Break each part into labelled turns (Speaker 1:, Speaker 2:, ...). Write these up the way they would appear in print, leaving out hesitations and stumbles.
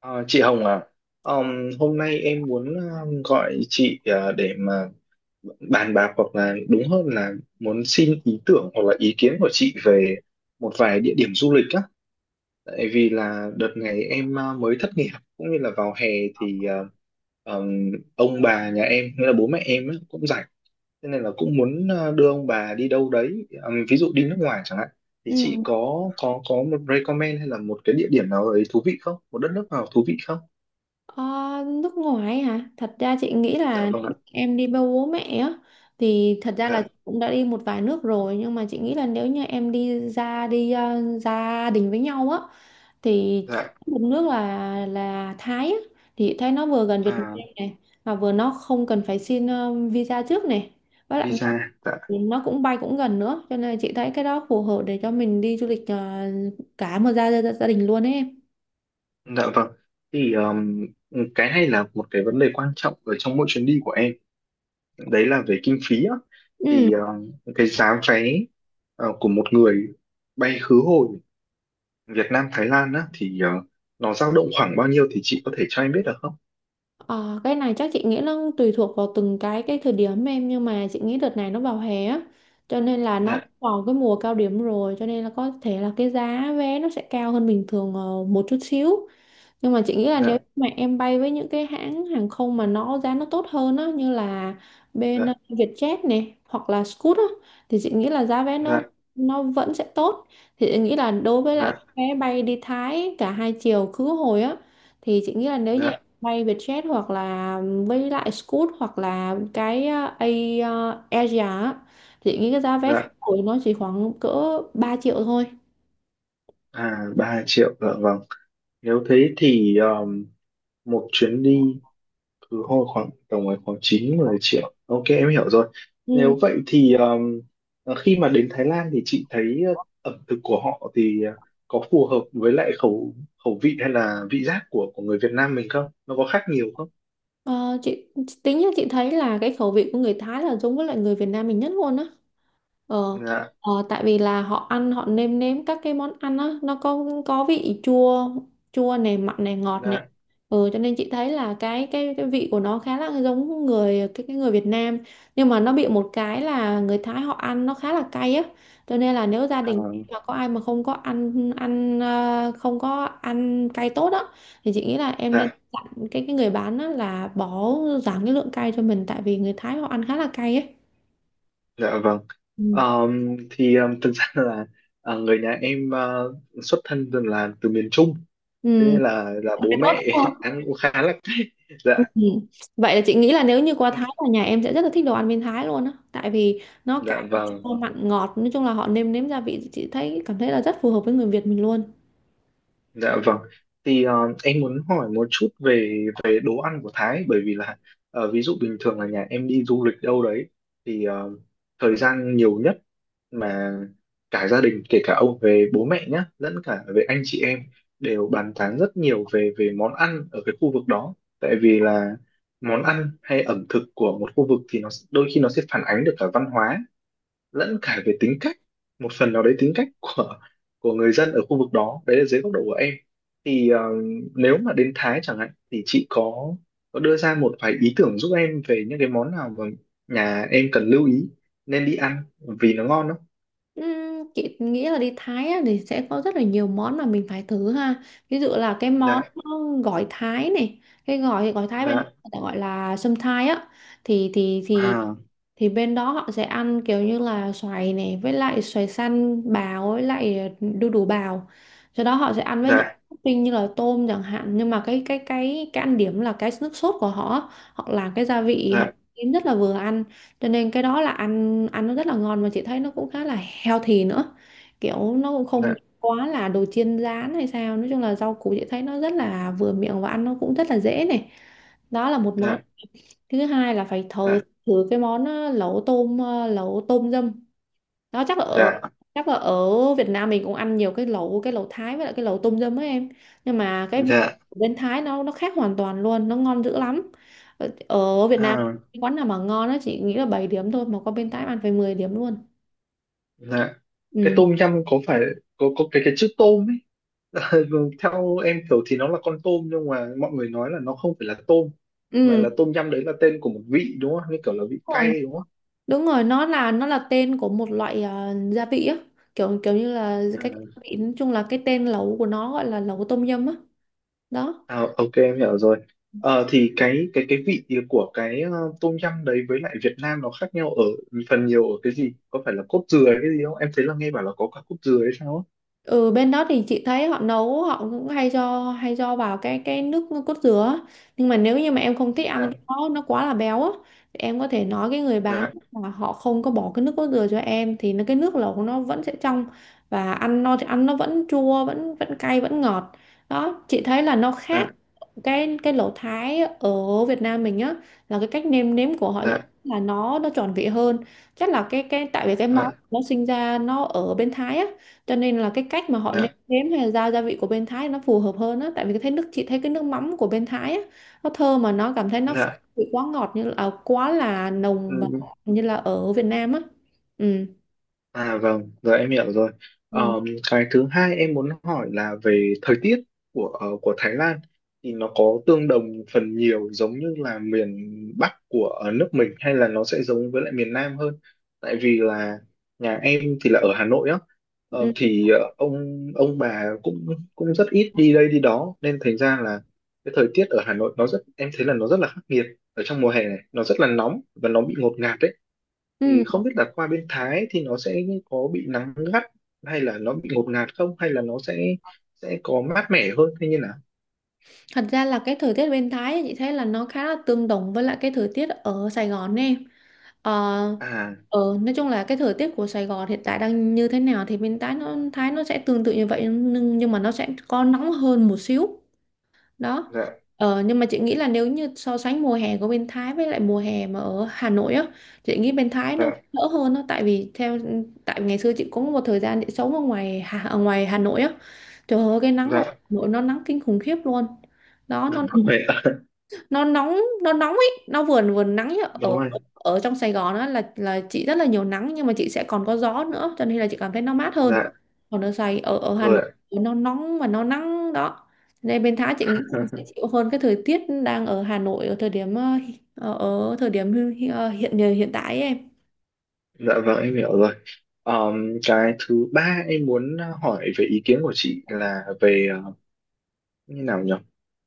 Speaker 1: Ờ, chị Hồng à, hôm nay em muốn gọi chị để mà bàn bạc, hoặc là đúng hơn là muốn xin ý tưởng hoặc là ý kiến của chị về một vài địa điểm du lịch á. Tại vì là đợt này em mới thất nghiệp, cũng như là vào hè thì ờm, ông bà nhà em, nghĩa là bố mẹ em á, cũng rảnh, thế nên là cũng muốn đưa ông bà đi đâu đấy. Ví dụ đi nước ngoài chẳng hạn. Thì
Speaker 2: Ừ.
Speaker 1: chị có có một recommend hay là một cái địa điểm nào đấy thú vị không? Một đất nước nào thú vị không?
Speaker 2: Ờ, Nước ngoài hả? Thật ra chị nghĩ
Speaker 1: Dạ
Speaker 2: là
Speaker 1: vâng ạ.
Speaker 2: em đi với bố mẹ á thì thật ra là
Speaker 1: Dạ.
Speaker 2: cũng đã đi một vài nước rồi, nhưng mà chị nghĩ là nếu như em đi gia đình với nhau á thì
Speaker 1: Dạ.
Speaker 2: một nước là Thái á. Thì Thái nó vừa gần Việt Nam
Speaker 1: À,
Speaker 2: này, mà vừa nó không cần phải xin visa trước này, với lại nó
Speaker 1: visa. Dạ.
Speaker 2: nó cũng bay cũng gần nữa, cho nên là chị thấy cái đó phù hợp để cho mình đi du lịch cả một gia gia, gia đình luôn ấy em.
Speaker 1: Dạ vâng, thì cái này là một cái vấn đề quan trọng ở trong mỗi chuyến đi của em, đấy là về kinh phí á.
Speaker 2: Ừ.
Speaker 1: Thì cái giá vé của một người bay khứ hồi Việt Nam Thái Lan á, thì nó dao động khoảng bao nhiêu thì chị có thể cho em biết được không?
Speaker 2: Ờ, cái này chắc chị nghĩ nó tùy thuộc vào từng cái thời điểm em, nhưng mà chị nghĩ đợt này nó vào hè á, cho nên là nó
Speaker 1: Dạ.
Speaker 2: vào cái mùa cao điểm rồi, cho nên là có thể là cái giá vé nó sẽ cao hơn bình thường một chút xíu. Nhưng mà chị nghĩ là nếu
Speaker 1: Dạ.
Speaker 2: mà em bay với những cái hãng hàng không mà nó giá nó tốt hơn á, như là bên
Speaker 1: Dạ.
Speaker 2: Vietjet này hoặc là Scoot á, thì chị nghĩ là giá vé nó
Speaker 1: Dạ.
Speaker 2: nó vẫn sẽ tốt. Thì chị nghĩ là đối với lại cái
Speaker 1: Dạ.
Speaker 2: vé bay đi Thái cả hai chiều khứ hồi á, thì chị nghĩ là nếu như em
Speaker 1: Dạ.
Speaker 2: bay Vietjet hoặc là với lại Scoot hoặc là cái Asia á, thì chị nghĩ cái giá vé khứ
Speaker 1: Dạ.
Speaker 2: hồi nó chỉ khoảng cỡ 3 triệu thôi.
Speaker 1: À, 3 triệu, dạ vâng. Nếu thế thì một chuyến đi cứ hồi khoảng tầm ấy khoảng 9 10 triệu. Ok, em hiểu rồi.
Speaker 2: Ừ.
Speaker 1: Nếu vậy thì khi mà đến Thái Lan thì chị thấy ẩm thực của họ thì có phù hợp với lại khẩu khẩu vị hay là vị giác của người Việt Nam mình không? Nó có khác nhiều không?
Speaker 2: Ờ, chị tính là chị thấy là cái khẩu vị của người Thái là giống với lại người Việt Nam mình nhất luôn á. Ờ,
Speaker 1: Dạ.
Speaker 2: Tại vì là họ ăn, họ nêm nếm các cái món ăn á, nó có vị chua, chua này, mặn này, ngọt này,
Speaker 1: Dạ.
Speaker 2: cho nên chị thấy là cái vị của nó khá là giống người cái người Việt Nam. Nhưng mà nó bị một cái là người Thái họ ăn nó khá là cay á, cho nên là nếu gia
Speaker 1: À.
Speaker 2: đình mà có ai mà không có ăn ăn ờ, không có ăn cay tốt á, thì chị nghĩ là em nên
Speaker 1: Dạ.
Speaker 2: dặn cái người bán á là bỏ, giảm cái lượng cay cho mình, tại vì người Thái họ ăn khá là cay ấy.
Speaker 1: Dạ vâng.
Speaker 2: Ừ.
Speaker 1: Thì thực ra là người nhà em xuất thân từ là từ miền Trung, thế
Speaker 2: Ừ,
Speaker 1: nên là bố
Speaker 2: phải tốt
Speaker 1: mẹ
Speaker 2: đúng không?
Speaker 1: ăn cũng khá là.
Speaker 2: Ừ.
Speaker 1: Dạ.
Speaker 2: Vậy là chị nghĩ là nếu như qua Thái là nhà em sẽ rất là thích đồ ăn bên Thái luôn á, tại vì nó
Speaker 1: Dạ
Speaker 2: cay,
Speaker 1: vâng.
Speaker 2: chua, mặn, ngọt, nói chung là họ nêm nếm gia vị chị thấy cảm thấy là rất phù hợp với người Việt mình luôn.
Speaker 1: Dạ vâng. Thì em muốn hỏi một chút về về đồ ăn của Thái, bởi vì là ví dụ bình thường là nhà em đi du lịch đâu đấy, thì thời gian nhiều nhất mà cả gia đình, kể cả ông về bố mẹ nhá, lẫn cả về anh chị em, đều bàn tán rất nhiều về về món ăn ở cái khu vực đó. Tại vì là món ăn hay ẩm thực của một khu vực thì nó đôi khi nó sẽ phản ánh được cả văn hóa lẫn cả về tính cách, một phần nào đấy tính cách của người dân ở khu vực đó, đấy là dưới góc độ của em. Thì nếu mà đến Thái chẳng hạn thì chị có đưa ra một vài ý tưởng giúp em về những cái món nào mà nhà em cần lưu ý, nên đi ăn vì nó ngon không?
Speaker 2: Chị nghĩ là đi Thái á thì sẽ có rất là nhiều món mà mình phải thử ha, ví dụ là cái món
Speaker 1: Dạ.
Speaker 2: gỏi Thái này, cái gỏi gỏi Thái bên
Speaker 1: Dạ.
Speaker 2: người ta gọi là sâm Thái á. thì thì thì
Speaker 1: À.
Speaker 2: thì bên đó họ sẽ ăn kiểu như là xoài này, với lại xoài xanh bào, với lại đu đủ bào, sau đó họ sẽ ăn với
Speaker 1: Dạ.
Speaker 2: những topping như là tôm chẳng hạn. Nhưng mà cái ăn điểm là cái nước sốt của họ họ làm cái gia vị họ
Speaker 1: Dạ.
Speaker 2: kiếm rất là vừa ăn, cho nên cái đó là ăn ăn nó rất là ngon, mà chị thấy nó cũng khá là healthy nữa, kiểu nó cũng không
Speaker 1: Dạ.
Speaker 2: quá là đồ chiên rán hay sao. Nói chung là rau củ chị thấy nó rất là vừa miệng và ăn nó cũng rất là dễ này, đó là một món.
Speaker 1: Dạ.
Speaker 2: Thứ hai là phải thử
Speaker 1: Dạ.
Speaker 2: thử cái món lẩu tôm dâm, đó chắc là ở
Speaker 1: Dạ.
Speaker 2: chắc là ở Việt Nam mình cũng ăn nhiều cái lẩu Thái với lại cái lẩu tôm dâm ấy em. Nhưng mà cái vị
Speaker 1: Dạ.
Speaker 2: của bên Thái nó khác hoàn toàn luôn, nó ngon dữ lắm. Ở Việt Nam
Speaker 1: À.
Speaker 2: cái quán nào mà ngon nó chỉ nghĩ là 7 điểm thôi, mà qua bên Thái ăn phải 10 điểm luôn.
Speaker 1: Dạ. Cái
Speaker 2: Ừ,
Speaker 1: tôm nhum, có phải có cái chữ tôm ấy, Ờ, theo em hiểu thì nó là con tôm, nhưng mà mọi người nói là nó không phải là tôm mà là
Speaker 2: ừ,
Speaker 1: tôm nhâm, đấy là tên của một vị đúng không, như kiểu là vị
Speaker 2: đúng rồi,
Speaker 1: cay đúng không?
Speaker 2: đúng rồi, nó là tên của một loại gia vị á, kiểu kiểu như là
Speaker 1: À.
Speaker 2: cái vị, nói chung là cái tên lẩu của nó gọi là lẩu tôm dâm á, đó.
Speaker 1: À, ok em hiểu rồi. Thì cái vị của cái tôm nhâm đấy với lại Việt Nam nó khác nhau ở phần nhiều ở cái gì, có phải là cốt dừa hay cái gì không? Em thấy là nghe bảo là có cả cốt dừa hay sao á?
Speaker 2: Ừ, bên đó thì chị thấy họ nấu, họ cũng hay cho vào cái nước cốt dừa á. Nhưng mà nếu như mà em không thích ăn
Speaker 1: Dạ.
Speaker 2: cái đó nó quá là béo á, thì em có thể nói cái người bán
Speaker 1: Dạ.
Speaker 2: là họ không có bỏ cái nước cốt dừa cho em, thì nó cái nước lẩu của nó vẫn sẽ trong, và ăn nó vẫn chua, vẫn vẫn cay, vẫn ngọt. Đó, chị thấy là nó khác cái lẩu Thái ở Việt Nam mình á, là cái cách nêm nếm của họ thì
Speaker 1: Dạ.
Speaker 2: là nó tròn vị hơn. Chắc là cái tại vì cái
Speaker 1: Dạ.
Speaker 2: món nó sinh ra nó ở bên Thái á, cho nên là cái cách mà họ nêm
Speaker 1: Dạ.
Speaker 2: nếm hay là giao gia vị của bên Thái nó phù hợp hơn á, tại vì cái thấy nước chị thấy cái nước mắm của bên Thái á nó thơm, mà nó cảm thấy nó không bị quá ngọt như là à, quá là nồng và
Speaker 1: Dạ.
Speaker 2: như là ở Việt Nam á, ừ.
Speaker 1: À vâng, giờ em hiểu rồi.
Speaker 2: Ừ.
Speaker 1: Ờm, cái thứ hai em muốn hỏi là về thời tiết của của Thái Lan, thì nó có tương đồng phần nhiều giống như là miền Bắc của nước mình, hay là nó sẽ giống với lại miền Nam hơn? Tại vì là nhà em thì là ở Hà Nội á,
Speaker 2: Ừ.
Speaker 1: ông bà cũng cũng rất ít đi đây đi đó, nên thành ra là cái thời tiết ở Hà Nội nó rất, em thấy là nó rất là khắc nghiệt ở trong mùa hè này, nó rất là nóng và nó bị ngột ngạt đấy. Thì
Speaker 2: Ừ.
Speaker 1: không biết là qua bên Thái thì nó sẽ có bị nắng gắt hay là nó bị ngột ngạt không, hay là nó sẽ có mát mẻ hơn thế, như là.
Speaker 2: Thật ra là cái thời tiết bên Thái ấy, chị thấy là nó khá là tương đồng với lại cái thời tiết ở Sài Gòn nè. Ờ,
Speaker 1: À.
Speaker 2: nói chung là cái thời tiết của Sài Gòn hiện tại đang như thế nào thì bên Thái nó sẽ tương tự như vậy, nhưng mà nó sẽ có nóng hơn một xíu, đó.
Speaker 1: Dạ.
Speaker 2: Nhưng mà chị nghĩ là nếu như so sánh mùa hè của bên Thái với lại mùa hè mà ở Hà Nội á, chị nghĩ bên Thái nó
Speaker 1: Dạ.
Speaker 2: đỡ hơn đó, tại vì tại ngày xưa chị cũng một thời gian chị sống ở ngoài Hà Nội á, trời ơi cái nắng ở
Speaker 1: Dạ.
Speaker 2: Hà Nội nó nắng kinh khủng khiếp luôn, đó
Speaker 1: Đúng rồi ạ.
Speaker 2: nó nóng, nó nóng ấy, nó vừa vừa nắng nhá. Ở
Speaker 1: Đúng rồi.
Speaker 2: ở trong Sài Gòn á, là chị rất là nhiều nắng, nhưng mà chị sẽ còn có gió nữa cho nên là chị cảm thấy nó mát hơn,
Speaker 1: Dạ.
Speaker 2: còn ở Sài ở ở Hà
Speaker 1: Rồi
Speaker 2: Nội
Speaker 1: ạ.
Speaker 2: nó nóng và nó nắng đó, nên bên Thái chị nghĩ chị sẽ chịu hơn cái thời tiết đang ở Hà Nội ở thời điểm ờ, ở, ở thời điểm hi- hi- ờ, hiện hiện tại ấy em.
Speaker 1: Dạ vâng, em hiểu rồi. Cái thứ ba em muốn hỏi về ý kiến của chị là về như nào nhỉ.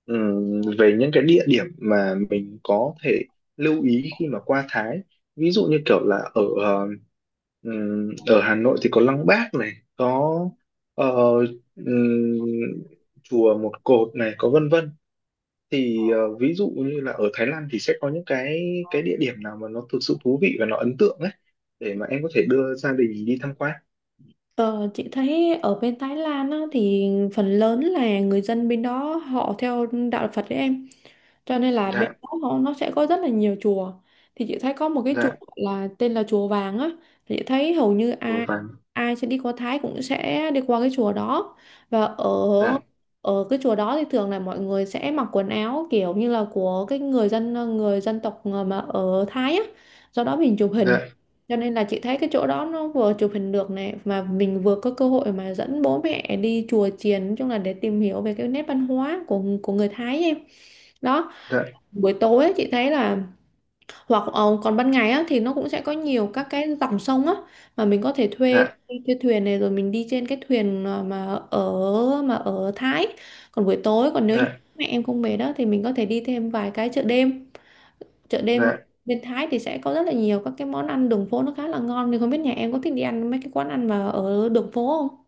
Speaker 1: Về những cái địa điểm mà mình có thể lưu ý khi mà qua Thái, ví dụ như kiểu là ở ở Hà Nội thì có Lăng Bác này, có ờ, ừm, chùa Một Cột này, có vân vân. Thì ví dụ như là ở Thái Lan thì sẽ có những cái địa điểm nào mà nó thực sự thú vị và nó ấn tượng ấy, để mà em có thể đưa gia đình đi tham quan.
Speaker 2: Ờ, chị thấy ở bên Thái Lan á thì phần lớn là người dân bên đó họ theo đạo Phật đấy em, cho nên là bên
Speaker 1: Dạ.
Speaker 2: đó nó sẽ có rất là nhiều chùa. Thì chị thấy có một cái chùa
Speaker 1: Dạ.
Speaker 2: là tên là chùa Vàng á, thì chị thấy hầu như
Speaker 1: Chùa
Speaker 2: ai
Speaker 1: vàng.
Speaker 2: ai sẽ đi qua Thái cũng sẽ đi qua cái chùa đó. Và ở
Speaker 1: Dạ.
Speaker 2: ở cái chùa đó thì thường là mọi người sẽ mặc quần áo kiểu như là của cái người dân tộc mà ở Thái á, do đó mình chụp hình,
Speaker 1: Dạ.
Speaker 2: cho nên là chị thấy cái chỗ đó nó vừa chụp hình được này, mà mình vừa có cơ hội mà dẫn bố mẹ đi chùa chiền, nói chung là để tìm hiểu về cái nét văn hóa của người Thái em, đó.
Speaker 1: Dạ.
Speaker 2: Buổi tối ấy, chị thấy là hoặc còn ban ngày á, thì nó cũng sẽ có nhiều các cái dòng sông á, mà mình có thể thuê
Speaker 1: Dạ.
Speaker 2: thuê thuyền này, rồi mình đi trên cái thuyền ở mà ở Thái. Còn buổi tối, còn nếu như
Speaker 1: Dạ.
Speaker 2: mẹ em không về đó thì mình có thể đi thêm vài cái chợ đêm. Chợ đêm
Speaker 1: Dạ.
Speaker 2: bên Thái thì sẽ có rất là nhiều các cái món ăn đường phố nó khá là ngon, thì không biết nhà em có thích đi ăn mấy cái quán ăn mà ở đường phố không.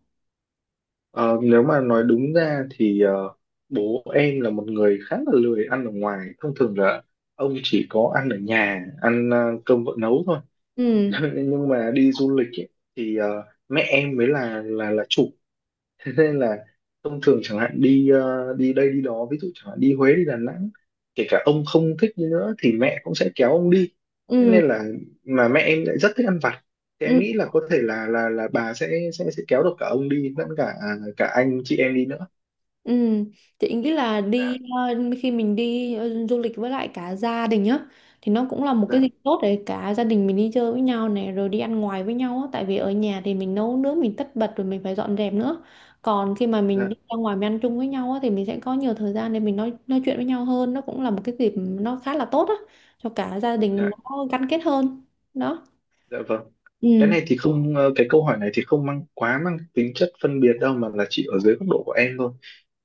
Speaker 1: Ờ, Nếu mà nói đúng ra thì bố em là một người khá là lười ăn ở ngoài. Thông thường là ông chỉ có ăn ở nhà, ăn cơm vợ nấu thôi.
Speaker 2: Ừ
Speaker 1: Nhưng mà đi du lịch ấy, thì mẹ em mới là chủ, thế nên là thông thường chẳng hạn đi đi đây đi đó, ví dụ chẳng hạn đi Huế, đi Đà Nẵng, kể cả ông không thích đi nữa thì mẹ cũng sẽ kéo ông đi. Thế
Speaker 2: ừ.
Speaker 1: nên là mà mẹ em lại rất thích ăn vặt, thì em
Speaker 2: Ừ.
Speaker 1: nghĩ là có thể là bà sẽ kéo được cả ông đi lẫn cả à, cả anh chị em đi nữa.
Speaker 2: Ừ, chị nghĩ là
Speaker 1: Dạ.
Speaker 2: khi mình đi du lịch với lại cả gia đình á thì nó cũng là một cái
Speaker 1: Dạ.
Speaker 2: dịp tốt để cả gia đình mình đi chơi với nhau này, rồi đi ăn ngoài với nhau á, tại vì ở nhà thì mình nấu nướng, mình tất bật rồi mình phải dọn dẹp nữa. Còn khi mà mình
Speaker 1: Dạ.
Speaker 2: đi ra ngoài mình ăn chung với nhau á thì mình sẽ có nhiều thời gian để mình nói chuyện với nhau hơn, nó cũng là một cái dịp nó khá là tốt á cho cả gia đình
Speaker 1: Dạ.
Speaker 2: nó gắn kết hơn, đó.
Speaker 1: Dạ vâng. Cái
Speaker 2: Ừ,
Speaker 1: này thì không, cái câu hỏi này thì không mang quá mang tính chất phân biệt đâu, mà là chỉ ở dưới góc độ của em thôi.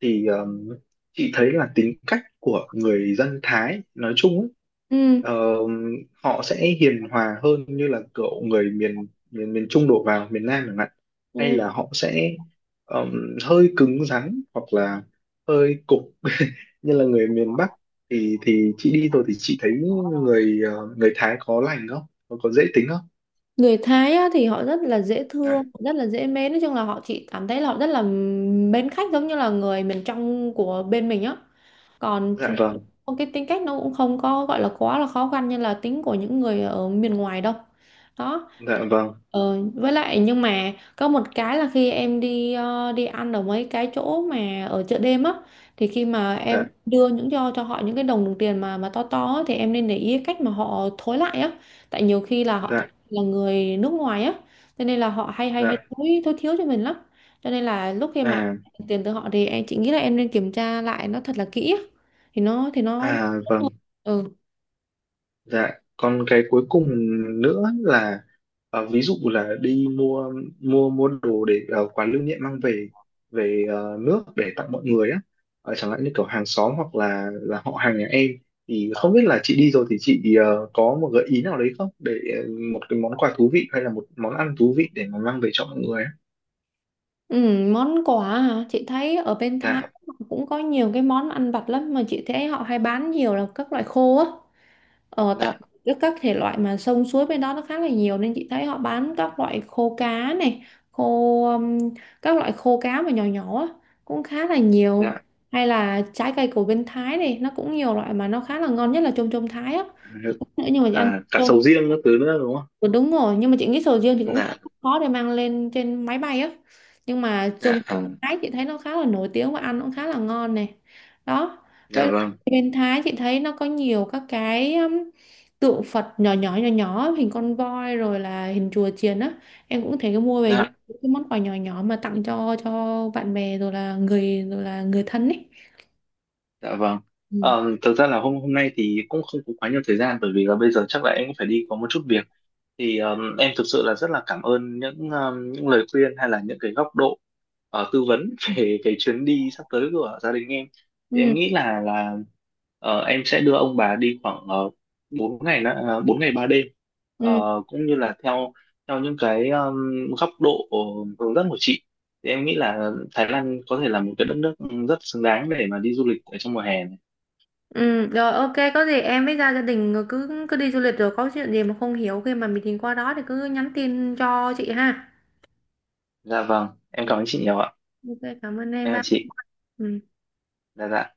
Speaker 1: Thì chị thấy là tính cách của người dân Thái nói chung ấy,
Speaker 2: ừ,
Speaker 1: họ sẽ hiền hòa hơn như là kiểu người miền miền miền Trung đổ vào miền Nam chẳng hạn, hay
Speaker 2: ừ.
Speaker 1: là họ sẽ hơi cứng rắn hoặc là hơi cục như là người miền Bắc? Thì chị đi rồi thì chị thấy người người Thái có lành không, có, có dễ tính không?
Speaker 2: Người Thái á thì họ rất là dễ thương,
Speaker 1: Dạ.
Speaker 2: rất là dễ mến, nói chung là họ chỉ cảm thấy là họ rất là mến khách, giống như là người miền trong của bên mình á. Còn
Speaker 1: Dạ vâng.
Speaker 2: cái tính cách nó cũng không có gọi là quá là khó khăn như là tính của những người ở miền ngoài đâu, đó.
Speaker 1: Dạ vâng.
Speaker 2: Với lại nhưng mà có một cái là khi em đi ăn ở mấy cái chỗ mà ở chợ đêm á, thì khi mà em
Speaker 1: Dạ.
Speaker 2: đưa những cho họ những cái đồng đồng tiền mà to to á, thì em nên để ý cái cách mà họ thối lại á. Tại nhiều khi là họ
Speaker 1: Dạ.
Speaker 2: là người nước ngoài á, cho nên là họ hay hay
Speaker 1: Dạ.
Speaker 2: hay thối thối thiếu cho mình lắm, cho nên là lúc khi mà em
Speaker 1: À.
Speaker 2: nhận tiền từ họ thì chị nghĩ là em nên kiểm tra lại nó thật là kỹ á, thì nó,
Speaker 1: À vâng.
Speaker 2: ừ.
Speaker 1: Dạ. Còn cái cuối cùng nữa là ví dụ là đi mua mua mua đồ để quà lưu niệm mang về về nước để tặng mọi người á. Chẳng hạn như kiểu hàng xóm hoặc là họ hàng nhà em, thì không biết là chị đi rồi thì chị có một gợi ý nào đấy không, để một cái món quà thú vị hay là một món ăn thú vị để mà mang về cho mọi người á.
Speaker 2: Ừ, món quà hả? Chị thấy ở bên Thái
Speaker 1: Dạ.
Speaker 2: họ cũng có nhiều cái món ăn vặt lắm, mà chị thấy họ hay bán nhiều là các loại khô á. Tại
Speaker 1: Dạ.
Speaker 2: các thể loại mà sông suối bên đó nó khá là nhiều, nên chị thấy họ bán các loại khô cá này, khô um, các loại khô cá mà nhỏ nhỏ á cũng khá là nhiều.
Speaker 1: Dạ.
Speaker 2: Hay là trái cây của bên Thái này nó cũng nhiều loại mà nó khá là ngon, nhất là chôm chôm Thái á. Nữa nhưng mà chị ăn.
Speaker 1: À cả sầu riêng các thứ nữa đúng không?
Speaker 2: Ừ, đúng rồi, nhưng mà chị nghĩ sầu riêng thì cũng
Speaker 1: Dạ.
Speaker 2: không khó để mang lên trên máy bay á, nhưng mà trong
Speaker 1: Dạ. À.
Speaker 2: Thái chị thấy nó khá là nổi tiếng và ăn cũng khá là ngon này, đó. Với
Speaker 1: Dạ
Speaker 2: lại
Speaker 1: vâng.
Speaker 2: bên Thái chị thấy nó có nhiều các cái tượng Phật nhỏ nhỏ hình con voi, rồi là hình chùa chiền á, em cũng thể mua về những
Speaker 1: Dạ.
Speaker 2: cái món quà nhỏ nhỏ mà tặng cho bạn bè, rồi là người thân ấy,
Speaker 1: Dạ vâng.
Speaker 2: ừ.
Speaker 1: Thực ra là hôm hôm nay thì cũng không có quá nhiều thời gian, bởi vì là bây giờ chắc là em cũng phải đi có một chút việc, thì em thực sự là rất là cảm ơn những lời khuyên hay là những cái góc độ tư vấn về cái chuyến đi sắp tới của gia đình em. Thì em
Speaker 2: Ừ.
Speaker 1: nghĩ là em sẽ đưa ông bà đi khoảng 4 ngày nữa, 4 ngày 3 đêm.
Speaker 2: Ừ,
Speaker 1: Cũng như là theo theo những cái góc độ hướng dẫn của chị, thì em nghĩ là Thái Lan có thể là một cái đất nước rất xứng đáng để mà đi du lịch ở trong mùa hè này.
Speaker 2: Ừ, rồi ok có gì em với gia gia đình rồi cứ cứ đi du lịch, rồi có chuyện gì mà không hiểu khi mà mình tìm qua đó thì cứ nhắn tin cho chị ha.
Speaker 1: Dạ vâng, em
Speaker 2: Được.
Speaker 1: cảm ơn chị nhiều ạ.
Speaker 2: Ok cảm ơn em
Speaker 1: Em là
Speaker 2: ba.
Speaker 1: chị.
Speaker 2: Ừ.
Speaker 1: Dạ. Dạ.